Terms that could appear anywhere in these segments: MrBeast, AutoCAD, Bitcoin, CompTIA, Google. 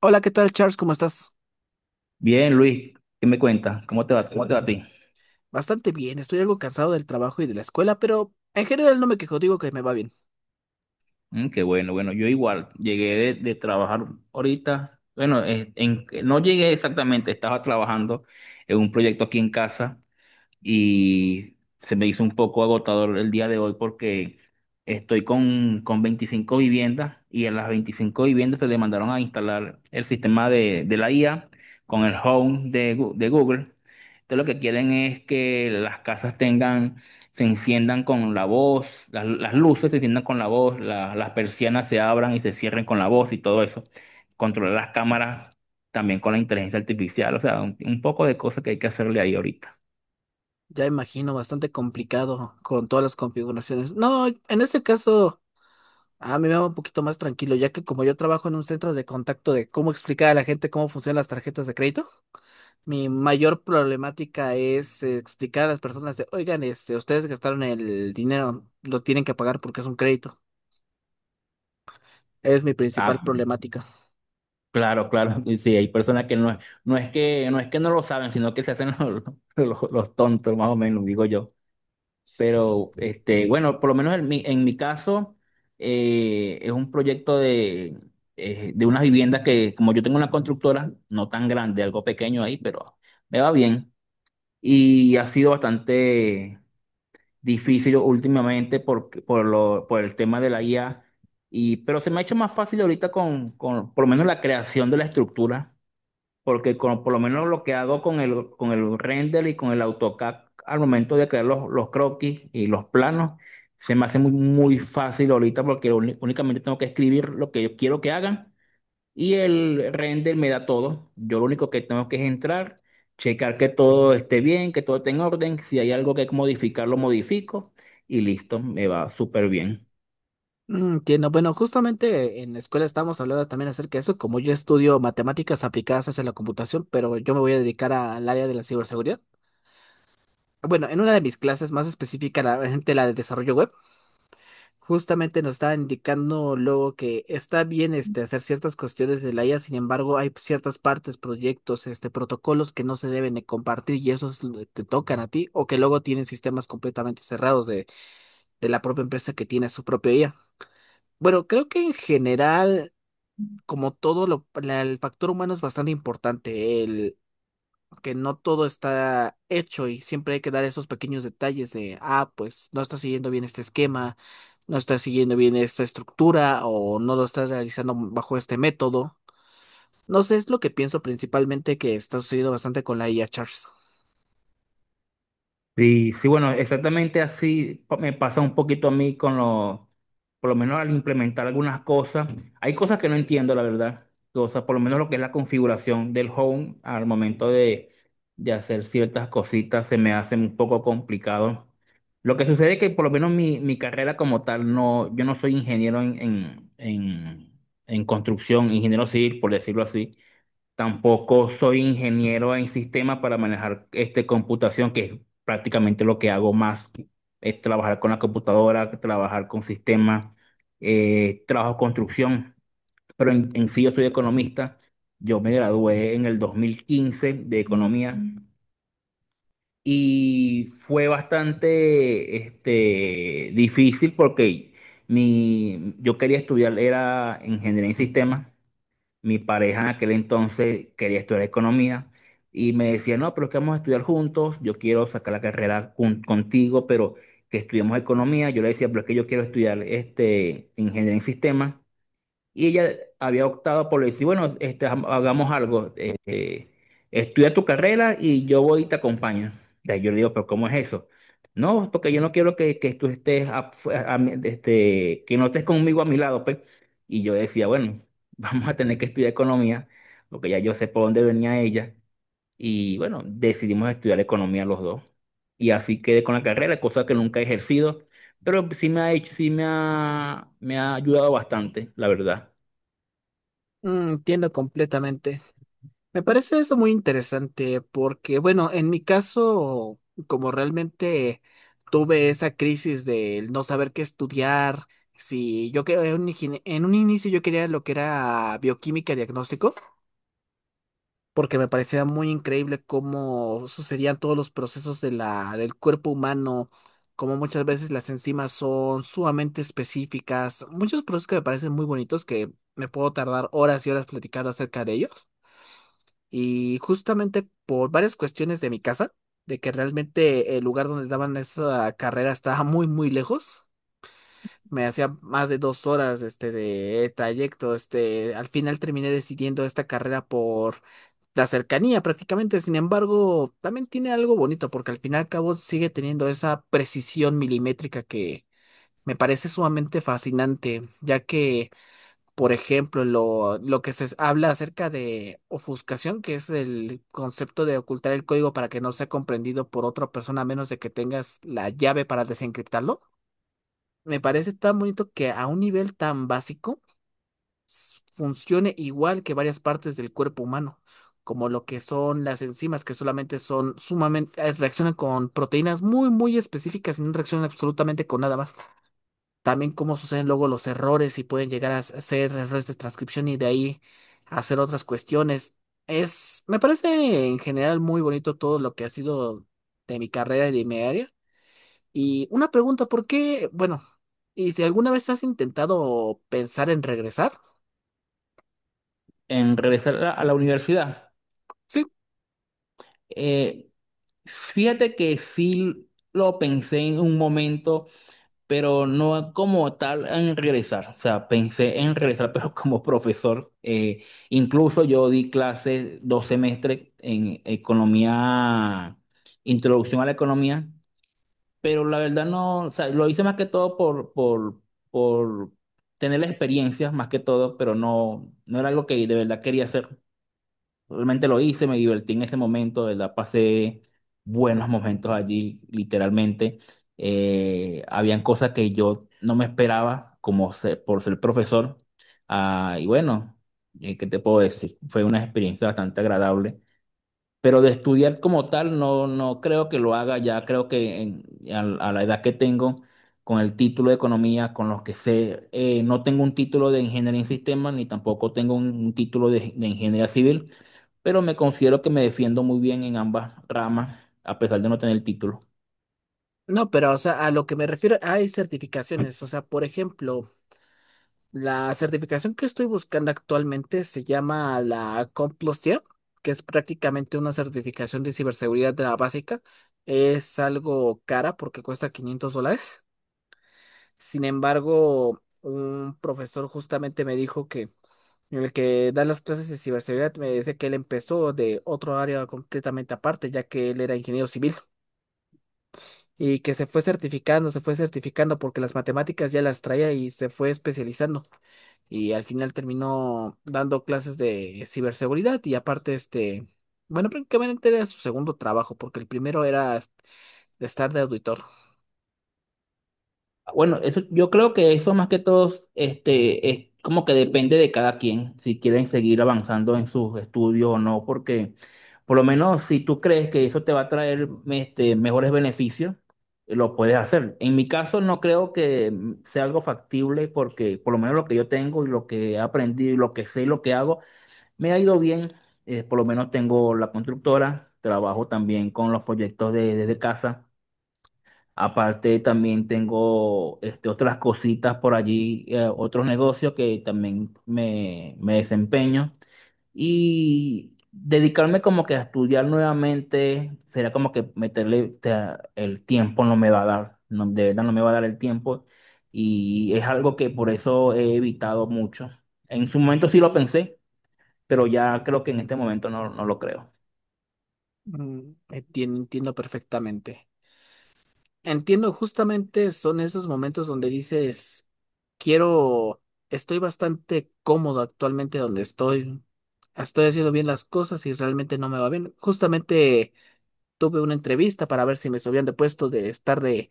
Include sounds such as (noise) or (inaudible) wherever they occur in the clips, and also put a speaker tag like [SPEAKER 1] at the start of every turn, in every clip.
[SPEAKER 1] Hola, ¿qué tal, Charles? ¿Cómo estás?
[SPEAKER 2] Bien, Luis, ¿qué me cuentas? ¿Cómo te va? ¿Cómo te va a ti?
[SPEAKER 1] Bastante bien, estoy algo cansado del trabajo y de la escuela, pero en general no me quejo, digo que me va bien.
[SPEAKER 2] Mm, qué bueno. Bueno, yo igual llegué de trabajar ahorita. Bueno, no llegué exactamente, estaba trabajando en un proyecto aquí en casa y se me hizo un poco agotador el día de hoy porque estoy con 25 viviendas y en las 25 viviendas se le mandaron a instalar el sistema de la IA con el Home de Google. Entonces lo que quieren es que las casas tengan, se enciendan con la voz, las luces se enciendan con la voz, las persianas se abran y se cierren con la voz y todo eso. Controlar las cámaras también con la inteligencia artificial, o sea, un poco de cosas que hay que hacerle ahí ahorita.
[SPEAKER 1] Ya imagino, bastante complicado con todas las configuraciones. No, en ese caso, a mí me va un poquito más tranquilo, ya que como yo trabajo en un centro de contacto de cómo explicar a la gente cómo funcionan las tarjetas de crédito, mi mayor problemática es explicar a las personas de, oigan, este, ustedes gastaron el dinero, lo tienen que pagar porque es un crédito. Es mi principal
[SPEAKER 2] Ah,
[SPEAKER 1] problemática.
[SPEAKER 2] claro, claro, y sí, hay personas que no, no es que no lo saben, sino que se hacen los, (laughs) los tontos, más o menos, digo yo. Pero este, bueno, por lo menos en mi caso, es un proyecto de unas viviendas que, como yo tengo una constructora, no tan grande, algo pequeño ahí, pero me va bien. Y ha sido bastante difícil últimamente por el tema de la IA, y, pero se me ha hecho más fácil ahorita con por lo menos la creación de la estructura porque por lo menos lo que hago con con el render y con el AutoCAD al momento de crear los croquis y los planos, se me hace muy fácil ahorita porque únicamente tengo que escribir lo que yo quiero que hagan y el render me da todo. Yo lo único que tengo que es entrar, checar que todo esté bien, que todo esté en orden, si hay algo que modificar, lo modifico y listo, me va súper bien.
[SPEAKER 1] Mm, entiendo. Bueno, justamente en la escuela estábamos hablando también acerca de eso. Como yo estudio matemáticas aplicadas hacia la computación, pero yo me voy a dedicar al área de la ciberseguridad. Bueno, en una de mis clases más específica, la de desarrollo web, justamente nos está indicando luego que está bien este, hacer ciertas cuestiones de la IA. Sin embargo, hay ciertas partes, proyectos, este, protocolos que no se deben de compartir y esos te tocan a ti, o que luego tienen sistemas completamente cerrados de la propia empresa que tiene su propia IA. Bueno, creo que en general, como todo, el factor humano es bastante importante, el que no todo está hecho y siempre hay que dar esos pequeños detalles de, ah, pues no está siguiendo bien este esquema, no está siguiendo bien esta estructura o no lo está realizando bajo este método. No sé, es lo que pienso principalmente que está sucediendo bastante con la IA, Charles.
[SPEAKER 2] Sí, sí, bueno, exactamente así me pasa un poquito a mí con lo, por lo menos al implementar algunas cosas. Hay cosas que no entiendo, la verdad. Cosas, por lo menos lo que es la configuración del home al momento de hacer ciertas cositas se me hace un poco complicado. Lo que sucede es que por lo menos mi carrera como tal, no, yo no soy ingeniero en construcción, ingeniero civil, por decirlo así. Tampoco soy ingeniero en sistemas para manejar este, computación, que es prácticamente lo que hago más, es trabajar con la computadora, trabajar con sistemas, trabajo construcción, pero en sí yo soy economista. Yo me gradué en el 2015 de economía. Mm. Y fue bastante este, difícil porque mi, yo quería estudiar, era ingeniería en sistemas. Mi pareja en aquel entonces quería estudiar economía y me decía, no, pero es que vamos a estudiar juntos, yo quiero sacar la carrera con contigo, pero que estudiemos economía. Yo le decía, pero es que yo quiero estudiar este, ingeniería en sistemas y ella había optado por decir, bueno, este, hagamos algo, estudia tu carrera y yo voy y te acompaño. Y ahí yo le digo, pero ¿cómo es eso? No, porque yo no quiero que tú estés, este, que no estés conmigo a mi lado, pues. Y yo decía, bueno, (laughs) vamos a tener que estudiar economía, porque ya yo sé por dónde venía ella. Y bueno, decidimos estudiar economía los dos. Y así quedé con la carrera, cosa que nunca he ejercido, pero sí me ha hecho, sí me ha ayudado bastante, la verdad.
[SPEAKER 1] Mm, entiendo completamente. Me parece eso muy interesante porque, bueno, en mi caso, como realmente tuve esa crisis del no saber qué estudiar, si yo que en un en un inicio yo quería lo que era bioquímica diagnóstico, porque me parecía muy increíble cómo sucedían todos los procesos de del cuerpo humano, cómo muchas veces las enzimas son sumamente específicas, muchos procesos que me parecen muy bonitos que me puedo tardar horas y horas platicando acerca de ellos. Y justamente por varias cuestiones de mi casa, de que realmente el lugar donde daban esa carrera estaba muy, muy lejos, me hacía más de 2 horas este, de trayecto. Este, al final terminé decidiendo esta carrera por la cercanía prácticamente. Sin embargo, también tiene algo bonito porque al fin y al cabo sigue teniendo esa precisión milimétrica que me parece sumamente fascinante, ya que por ejemplo, lo que se habla acerca de ofuscación, que es el concepto de ocultar el código para que no sea comprendido por otra persona a menos de que tengas la llave para desencriptarlo. Me parece tan bonito que a un nivel tan básico funcione igual que varias partes del cuerpo humano, como lo que son las enzimas, que solamente son sumamente, reaccionan con proteínas muy, muy específicas y no reaccionan absolutamente con nada más. También cómo suceden luego los errores y pueden llegar a ser errores de transcripción y de ahí hacer otras cuestiones. Es, me parece en general muy bonito todo lo que ha sido de mi carrera y de mi área. Y una pregunta, ¿por qué? Bueno, ¿y si alguna vez has intentado pensar en regresar?
[SPEAKER 2] En regresar a la universidad.
[SPEAKER 1] Sí,
[SPEAKER 2] Eh, fíjate que sí lo pensé en un momento, pero no como tal en regresar. O sea, pensé en regresar, (laughs) pero como profesor. Incluso yo di clases 2 semestres en economía, introducción a la economía, pero la verdad no, o sea, lo hice más que todo por tener la experiencia, más que todo, pero no, no era algo que de verdad quería hacer. Realmente lo hice, me divertí en ese momento, de verdad pasé buenos momentos allí, literalmente. Habían cosas que yo no me esperaba, como por ser profesor. Ah, y bueno, ¿qué te puedo decir? Fue una experiencia bastante agradable. Pero de estudiar como tal, no, no creo que lo haga ya. Creo que a, a la edad que tengo, con el título de economía, con los que sé, no tengo un título de ingeniería en sistemas, ni tampoco tengo un título de ingeniería civil, pero me considero que me defiendo muy bien en ambas ramas, a pesar de no tener el título.
[SPEAKER 1] no, pero o sea, a lo que me refiero, hay certificaciones. O sea, por ejemplo, la certificación que estoy buscando actualmente se llama la CompTIA, que es prácticamente una certificación de ciberseguridad de la básica. Es algo cara porque cuesta $500. Sin embargo, un profesor justamente me dijo que el que da las clases de ciberseguridad me dice que él empezó de otro área completamente aparte, ya que él era ingeniero civil y que se fue certificando porque las matemáticas ya las traía y se fue especializando y al final terminó dando clases de ciberseguridad y aparte este, bueno, prácticamente era su segundo trabajo porque el primero era estar de auditor.
[SPEAKER 2] Bueno, eso, yo creo que eso más que todo, este, es como que depende de cada quien, si quieren seguir avanzando en sus estudios o no, porque por lo menos si tú crees que eso te va a traer este, mejores beneficios, lo puedes hacer. En mi caso no creo que mm, sea algo factible porque por lo menos lo que yo tengo y lo que he aprendido y lo que sé y lo que hago, me ha ido bien. Por lo menos tengo la constructora, trabajo también con los proyectos desde casa. Aparte también tengo este, otras cositas por allí, otros negocios que también me desempeño. Y dedicarme como que a estudiar nuevamente será como que meterle, o sea, el tiempo no me va a dar, no, de verdad no me va a dar el tiempo. Y es algo que por eso he evitado mucho. En su momento sí lo pensé, pero ya creo que en este momento no, no lo creo.
[SPEAKER 1] Mm, entiendo perfectamente. Entiendo, justamente son esos momentos donde dices, quiero, estoy bastante cómodo actualmente donde estoy. Estoy haciendo bien las cosas y realmente no me va bien. Justamente tuve una entrevista para ver si me subían de puesto de estar de,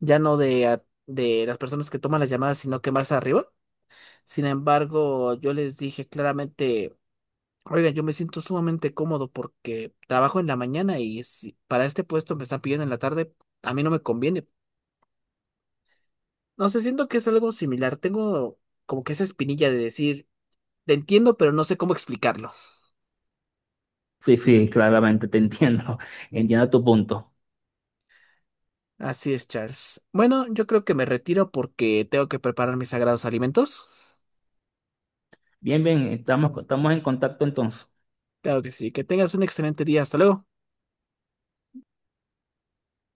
[SPEAKER 1] ya no de, de las personas que toman las llamadas, sino que más arriba. Sin embargo, yo les dije claramente, oigan, yo me siento sumamente cómodo porque trabajo en la mañana y si para este puesto me están pidiendo en la tarde, a mí no me conviene. No sé, siento que es algo similar. Tengo como que esa espinilla de decir, te entiendo, pero no sé cómo explicarlo.
[SPEAKER 2] Sí, sí, claramente te entiendo, (laughs) entiendo tu punto.
[SPEAKER 1] Así es, Charles. Bueno, yo creo que me retiro porque tengo que preparar mis sagrados alimentos.
[SPEAKER 2] Bien, bien, estamos, estamos en contacto entonces.
[SPEAKER 1] Claro que sí. Que tengas un excelente día. Hasta luego.